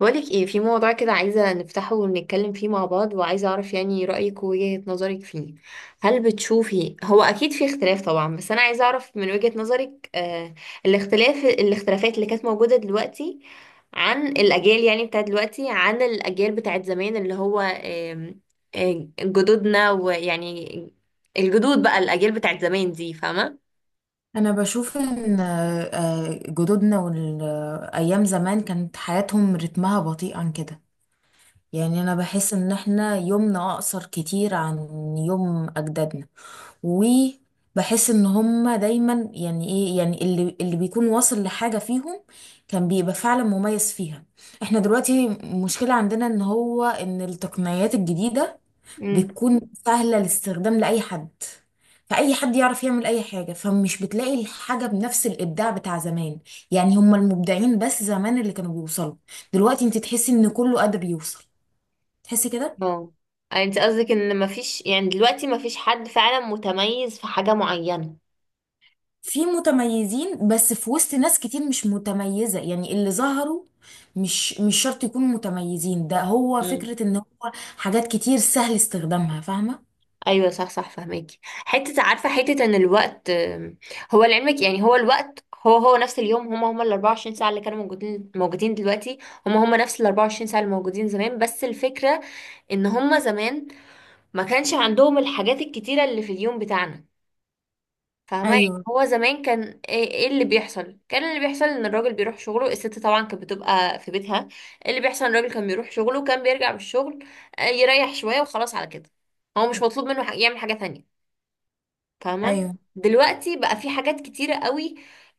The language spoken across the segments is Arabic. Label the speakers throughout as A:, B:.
A: بقولك ايه في موضوع كده عايزة نفتحه ونتكلم فيه مع بعض، وعايزة اعرف يعني رأيك ووجهة نظرك فيه. هل بتشوفي، هو اكيد في اختلاف طبعا، بس انا عايزة اعرف من وجهة نظرك. الاختلافات اللي كانت موجودة دلوقتي، عن الاجيال يعني بتاعت دلوقتي، عن الاجيال بتاعت زمان، اللي هو جدودنا ويعني الجدود، بقى الاجيال بتاعت زمان دي، فاهمة.
B: انا بشوف ان جدودنا والايام زمان كانت حياتهم رتمها بطيء عن كده. يعني انا بحس ان احنا يومنا اقصر كتير عن يوم اجدادنا. وبحس ان هما دايما يعني ايه يعني اللي بيكون واصل لحاجة فيهم كان بيبقى فعلا مميز فيها. احنا دلوقتي مشكلة عندنا ان التقنيات الجديدة
A: امم.
B: بتكون سهلة الاستخدام لأي حد، فأي حد يعرف يعمل أي حاجة، فمش بتلاقي الحاجة بنفس الإبداع بتاع زمان. يعني هم المبدعين بس زمان اللي كانوا بيوصلوا، دلوقتي أنت تحسي إن كله قادر يوصل. تحسي كده.
A: اه، يعني انت قصدك ان مفيش، يعني دلوقتي مفيش حد فعلا متميز في حاجة معينة.
B: في متميزين بس في وسط ناس كتير مش متميزة، يعني اللي ظهروا مش شرط يكونوا متميزين، ده هو
A: مم.
B: فكرة إن هو حاجات كتير سهل استخدامها. فاهمة؟
A: ايوه، صح صح، فهماكي. حته عارفه حته ان الوقت، هو لعلمك، يعني هو الوقت هو هو نفس اليوم، هما ال 24 ساعه اللي كانوا موجودين موجودين دلوقتي. هما نفس ال 24 ساعه اللي موجودين زمان. بس الفكره ان هما زمان ما كانش عندهم الحاجات الكتيره اللي في اليوم بتاعنا، فاهمة. يعني
B: أيوه،
A: هو زمان، كان إيه اللي بيحصل، كان اللي بيحصل ان الراجل بيروح شغله، الست طبعا كانت بتبقى في بيتها. إيه اللي بيحصل، الراجل كان بيروح شغله وكان بيرجع من الشغل، يريح شوية وخلاص على كده. هو مش مطلوب منه يعمل حاجة تانية، فاهمة.
B: أيوه،
A: دلوقتي بقى في حاجات كتيرة قوي،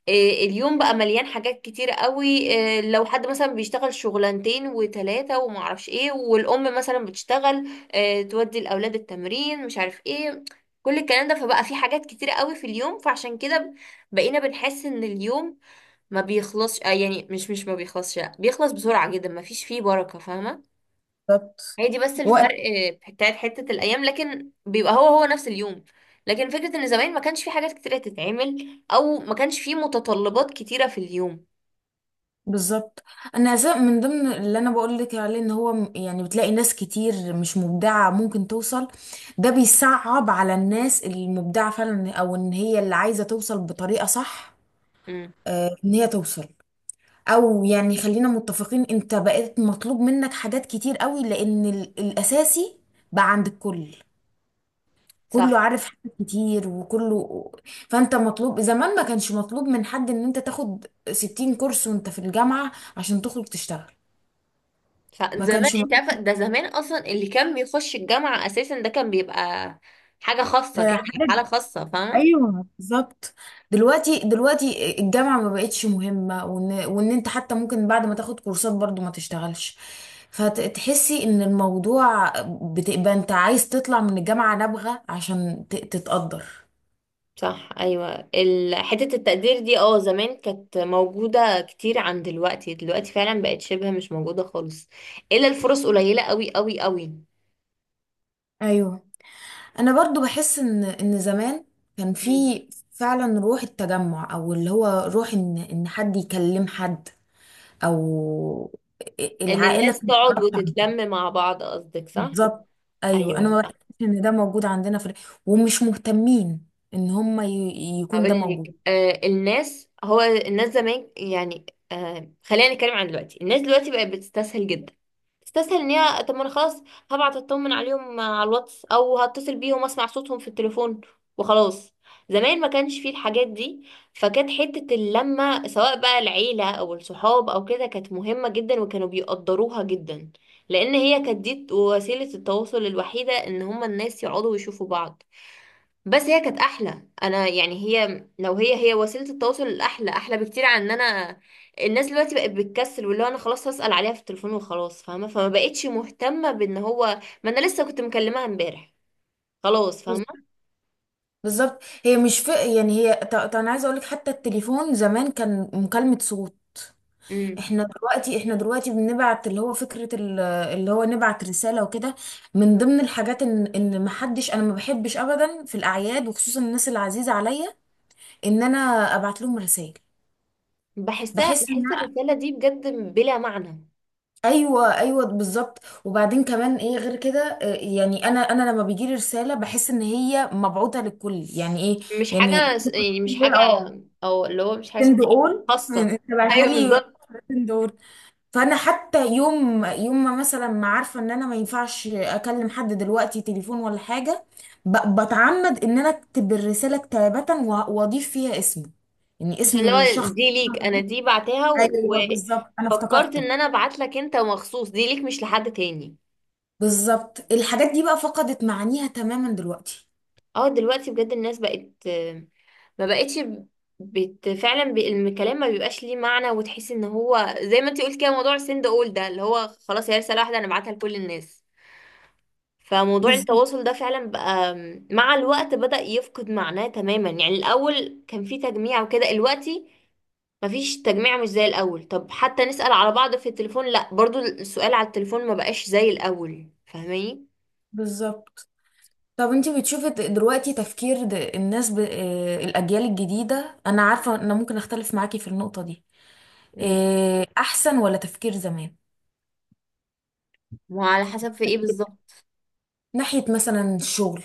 A: اليوم بقى مليان حاجات كتيرة قوي. لو حد مثلا بيشتغل شغلانتين وتلاتة ومعرفش ايه، والأم مثلا بتشتغل، تودي الأولاد التمرين مش عارف ايه، كل الكلام ده. فبقى في حاجات كتيرة قوي في اليوم، فعشان كده بقينا بنحس ان اليوم ما بيخلصش. يعني مش ما بيخلصش، بيخلص بسرعة جدا، ما فيش فيه بركة، فاهمة.
B: بالظبط،
A: هي دي بس الفرق بتاعت حتة الأيام، لكن بيبقى هو نفس اليوم. لكن فكرة إن زمان ما كانش في حاجات كتيرة تتعمل، أو ما كانش في متطلبات كتيرة في اليوم.
B: بالظبط. انا من ضمن اللي انا بقول لك عليه ان هو يعني بتلاقي ناس كتير مش مبدعه ممكن توصل، ده بيصعب على الناس المبدعه فعلا، او ان هي اللي عايزه توصل بطريقه صح،
A: امم.
B: ان هي توصل. او يعني خلينا متفقين انت بقيت مطلوب منك حاجات كتير قوي، لان الاساسي بقى عند الكل.
A: صح
B: كله عارف حاجات كتير وكله، فانت مطلوب. زمان ما كانش مطلوب من حد ان انت تاخد 60 كورس وانت في الجامعه عشان تخرج تشتغل.
A: صح.
B: ما
A: زمان
B: كانش
A: أنت عارفة، ده زمان أصلا اللي كان بيخش الجامعة أساسا ده كان بيبقى حاجة خاصة كده، يعني
B: حاجة.
A: حالة خاصة، فاهمة.
B: ايوه، بالظبط. دلوقتي الجامعة ما بقتش مهمة، وان انت حتى ممكن بعد ما تاخد كورسات برضو ما تشتغلش، فتحسي ان الموضوع بتبقى انت عايز تطلع من الجامعة نابغة عشان تتقدر.
A: صح، أيوة، حتة التقدير دي، اه زمان كانت موجودة كتير عن دلوقتي. دلوقتي فعلا بقت شبه مش موجودة خالص، إلا الفرص قليلة أوي أوي أوي.
B: ايوه، انا برضو بحس ان زمان كان في فعلا روح التجمع، او اللي هو روح ان حد يكلم حد، او
A: ان
B: العائلة
A: الناس تقعد
B: تتعرف.
A: وتتلم مع بعض، قصدك؟ صح.
B: بالظبط. ايوه، انا
A: ايوه.
B: ما بحسش ان ده موجود عندنا في، ومش مهتمين ان هم يكون
A: هقول
B: ده موجود.
A: لك، الناس زمان يعني، خلينا نتكلم عن دلوقتي. الناس دلوقتي بقت بتستسهل جدا، تستسهل ان هي، طب ما انا خلاص هبعت اطمن عليهم على الواتس، او هتصل بيهم اسمع صوتهم في التليفون وخلاص. زمان ما كانش فيه الحاجات دي، فكانت حتة اللمة، سواء بقى العيلة او الصحاب او كده، كانت مهمة جدا وكانوا بيقدروها جدا، لان هي كانت دي وسيلة التواصل الوحيدة، ان هما الناس يقعدوا ويشوفوا بعض. بس هي كانت احلى. انا يعني هي، لو هي وسيله التواصل، احلى بكتير عن ان انا، الناس دلوقتي بقت بتكسل، واللي هو انا خلاص هسال عليها في التليفون وخلاص، فاهمه. فما بقتش مهتمه، بان هو ما انا لسه كنت مكلماها امبارح خلاص،
B: بز-
A: فاهمه.
B: بالظبط، هي مش يعني هي طب انا عايزه اقول لك حتى التليفون زمان كان مكالمه صوت.
A: امم.
B: احنا دلوقتي بنبعت اللي هو فكره اللي هو نبعت رساله وكده. من ضمن الحاجات ان ما حدش، انا ما بحبش ابدا في الاعياد وخصوصا الناس العزيزه عليا ان انا ابعت لهم رسائل. بحس ان،
A: بحس الرساله دي بجد بلا معنى.
B: ايوه، ايوه، بالظبط. وبعدين كمان ايه غير كده، يعني انا لما بيجي لي رساله بحس ان هي مبعوثه للكل. يعني ايه،
A: مش
B: يعني
A: حاجه يعني مش
B: ليه،
A: حاجه،
B: اه،
A: او اللي هو مش حاجه اسمها
B: سند
A: ايه،
B: اول، يعني
A: خاصه.
B: انت بعتها
A: ايوه
B: لي.
A: بالظبط.
B: سند اول. فانا حتى يوم ما مثلا ما عارفه ان انا ما ينفعش اكلم حد دلوقتي تليفون ولا حاجه، بتعمد ان انا اكتب الرساله كتابه واضيف فيها اسمه، يعني
A: عشان
B: اسم
A: اللي هو
B: الشخص.
A: دي ليك انا، دي بعتها
B: ايوه، بالظبط. انا
A: وفكرت
B: افتكرت.
A: ان انا ابعت لك انت مخصوص، دي ليك مش لحد تاني.
B: بالظبط، الحاجات دي بقى فقدت معانيها تماما دلوقتي.
A: اه دلوقتي بجد الناس بقت، ما بقتش فعلا الكلام ما بيبقاش ليه معنى، وتحسي ان هو زي ما انتي قلت كده، موضوع السند اول ده اللي هو خلاص هي رسالة واحدة انا ابعتها لكل الناس. فموضوع
B: بالظبط،
A: التواصل ده فعلا بقى، مع الوقت بدأ يفقد معناه تماما. يعني الاول كان في تجميع وكده، دلوقتي مفيش تجميع مش زي الاول. طب حتى نسأل على بعض في التليفون، لا، برضو السؤال على التليفون ما بقاش زي الاول، فاهماني.
B: بالظبط. طب انتي بتشوفي دلوقتي تفكير الناس، الأجيال الجديدة، أنا عارفة أنا ممكن أختلف معاكي في النقطة دي،
A: مم.
B: أحسن ولا تفكير زمان؟
A: وعلى حسب في ايه بالظبط؟
B: ناحية مثلا الشغل،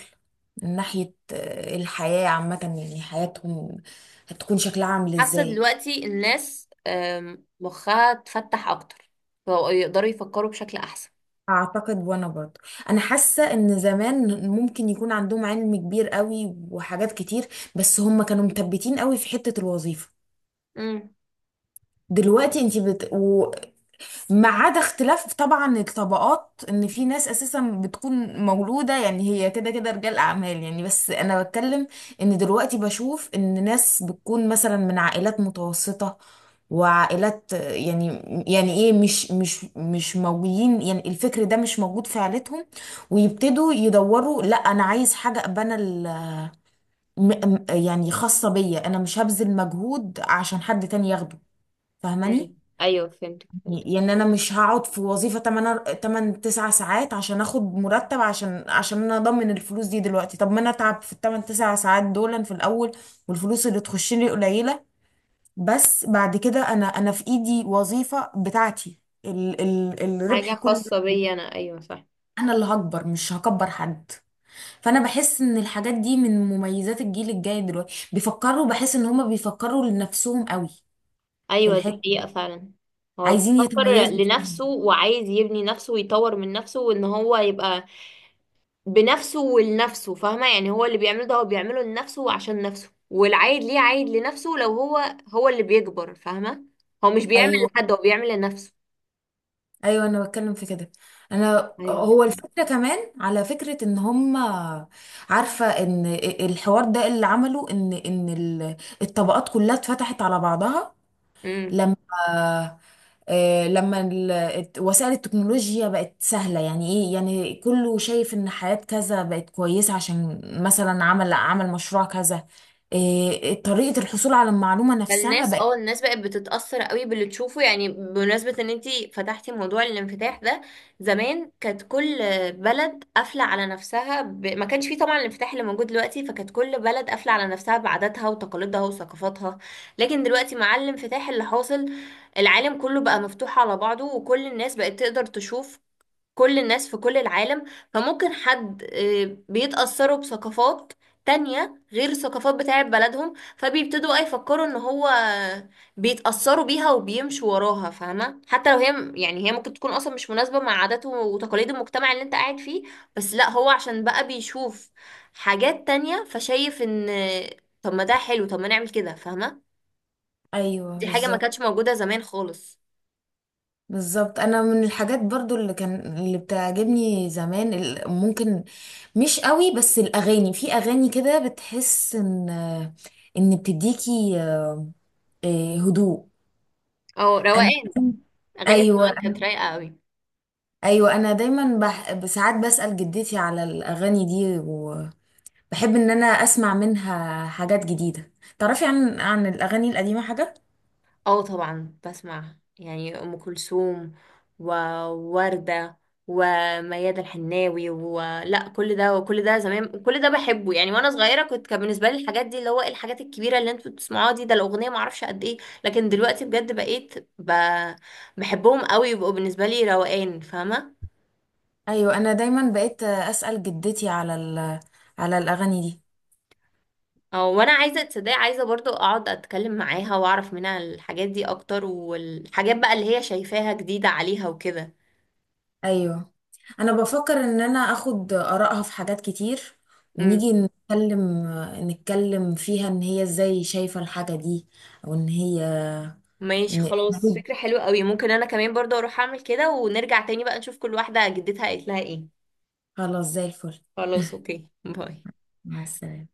B: من ناحية الحياة عامة، يعني حياتهم هتكون شكلها عامل
A: حاسة
B: ازاي.
A: دلوقتي الناس، مخها اتفتح اكتر، فبقوا يقدروا يفكروا بشكل احسن.
B: اعتقد، وانا برضه انا حاسه ان زمان ممكن يكون عندهم علم كبير قوي وحاجات كتير، بس هم كانوا مثبتين قوي في حته الوظيفه.
A: امم.
B: دلوقتي انت ما عدا اختلاف طبعا الطبقات، ان في ناس اساسا بتكون مولوده يعني هي كده كده رجال اعمال. يعني بس انا بتكلم ان دلوقتي بشوف ان ناس بتكون مثلا من عائلات متوسطه وعائلات، يعني يعني ايه، مش موجودين، يعني الفكر ده مش موجود في عائلتهم، ويبتدوا يدوروا. لا، انا عايز حاجه ابقى انا، يعني خاصه بيا انا، مش هبذل مجهود عشان حد تاني ياخده. فاهماني؟
A: امم. ايوه فهمت فهمت.
B: يعني انا مش هقعد في وظيفة 8 9 ساعات عشان اخد مرتب، عشان انا اضمن الفلوس دي دلوقتي. طب ما انا اتعب في ال 8 9 ساعات دول في الاول، والفلوس اللي تخش لي قليلة، بس بعد كده انا في ايدي وظيفة بتاعتي، ال ال
A: حاجه
B: الربح كله.
A: خاصه بيا انا، ايوه صح.
B: انا اللي هكبر، مش هكبر حد. فانا بحس ان الحاجات دي من مميزات الجيل الجاي. دلوقتي بيفكروا، بحس ان هما بيفكروا لنفسهم قوي في
A: ايوه دي
B: الحتة،
A: حقيقه فعلا. هو
B: عايزين
A: بيفكر
B: يتميزوا كده.
A: لنفسه، وعايز يبني نفسه ويطور من نفسه، وان هو يبقى بنفسه ولنفسه، فاهمه. يعني هو اللي بيعمله ده هو بيعمله لنفسه وعشان نفسه، والعايد ليه عايد لنفسه. لو هو، هو اللي بيكبر، فاهمه. هو مش بيعمل
B: ايوه،
A: لحد، هو بيعمل لنفسه.
B: ايوه، انا بتكلم في كده. انا
A: ايوه.
B: هو الفكره كمان على فكره ان هم، عارفه ان الحوار ده اللي عمله ان الطبقات كلها اتفتحت على بعضها،
A: امم.
B: لما وسائل التكنولوجيا بقت سهله. يعني ايه يعني كله شايف ان حياه كذا بقت كويسه عشان مثلا عمل مشروع كذا. إيه، طريقه الحصول على المعلومه نفسها
A: فالناس
B: بقت.
A: اه الناس بقت بتتأثر قوي باللي تشوفه. يعني بمناسبة ان انتي فتحتي موضوع الانفتاح ده، زمان كانت كل بلد قافلة على نفسها، ما كانش فيه طبعا الانفتاح اللي موجود دلوقتي، فكانت كل بلد قافلة على نفسها بعاداتها وتقاليدها وثقافاتها. لكن دلوقتي مع الانفتاح اللي حاصل، العالم كله بقى مفتوح على بعضه، وكل الناس بقت تقدر تشوف كل الناس في كل العالم. فممكن حد، بيتأثروا بثقافات تانية غير الثقافات بتاعة بلدهم، فبيبتدوا بقى يفكروا ان هو بيتأثروا بيها وبيمشوا وراها، فاهمة. حتى لو هي، يعني هي ممكن تكون اصلا مش مناسبة مع عاداته وتقاليد المجتمع اللي انت قاعد فيه، بس لا، هو عشان بقى بيشوف حاجات تانية فشايف ان، طب ما ده حلو، طب ما نعمل كده، فاهمة.
B: ايوه،
A: دي حاجة ما
B: بالظبط.
A: كانتش موجودة زمان خالص.
B: بالظبط، انا من الحاجات برضو اللي كان اللي بتعجبني زمان، ممكن مش قوي بس الاغاني، في اغاني كده بتحس ان بتديكي، هدوء.
A: او
B: انا
A: روقان. اغاني
B: ايوه.
A: زمان كانت رايقة قوي.
B: ايوه انا دايما ساعات بسأل جدتي على الاغاني دي، وبحب ان انا اسمع منها حاجات جديدة. تعرفي عن الاغاني القديمة حاجة؟
A: اه طبعا بسمع يعني ام كلثوم، ووردة، وميادة الحناوي، ولا كل ده. وكل ده زمان كل ده بحبه. يعني وانا صغيره كان بالنسبه لي الحاجات دي، اللي هو الحاجات الكبيره اللي انتوا بتسمعوها دي، ده الاغنيه ما اعرفش قد ايه. لكن دلوقتي بجد بقيت بحبهم قوي، يبقوا بالنسبه لي روقان، فاهمه.
B: ايوه، انا دايما بقيت اسأل جدتي على على الاغاني دي.
A: او، وانا عايزه تصدقي، عايزه برضو اقعد اتكلم معاها واعرف منها الحاجات دي اكتر، والحاجات بقى اللي هي شايفاها جديده عليها وكده.
B: ايوه، انا بفكر ان انا اخد ارائها في حاجات كتير، ونيجي نتكلم فيها ان هي ازاي شايفة الحاجة دي، او ان هي
A: ماشي
B: ن-
A: خلاص، فكرة حلوة قوي، ممكن انا كمان برضه اروح اعمل كده، ونرجع تاني بقى نشوف كل واحدة جدتها قالت لها ايه.
B: خلاص زي الفل.
A: خلاص، اوكي، باي.
B: مع السلامة.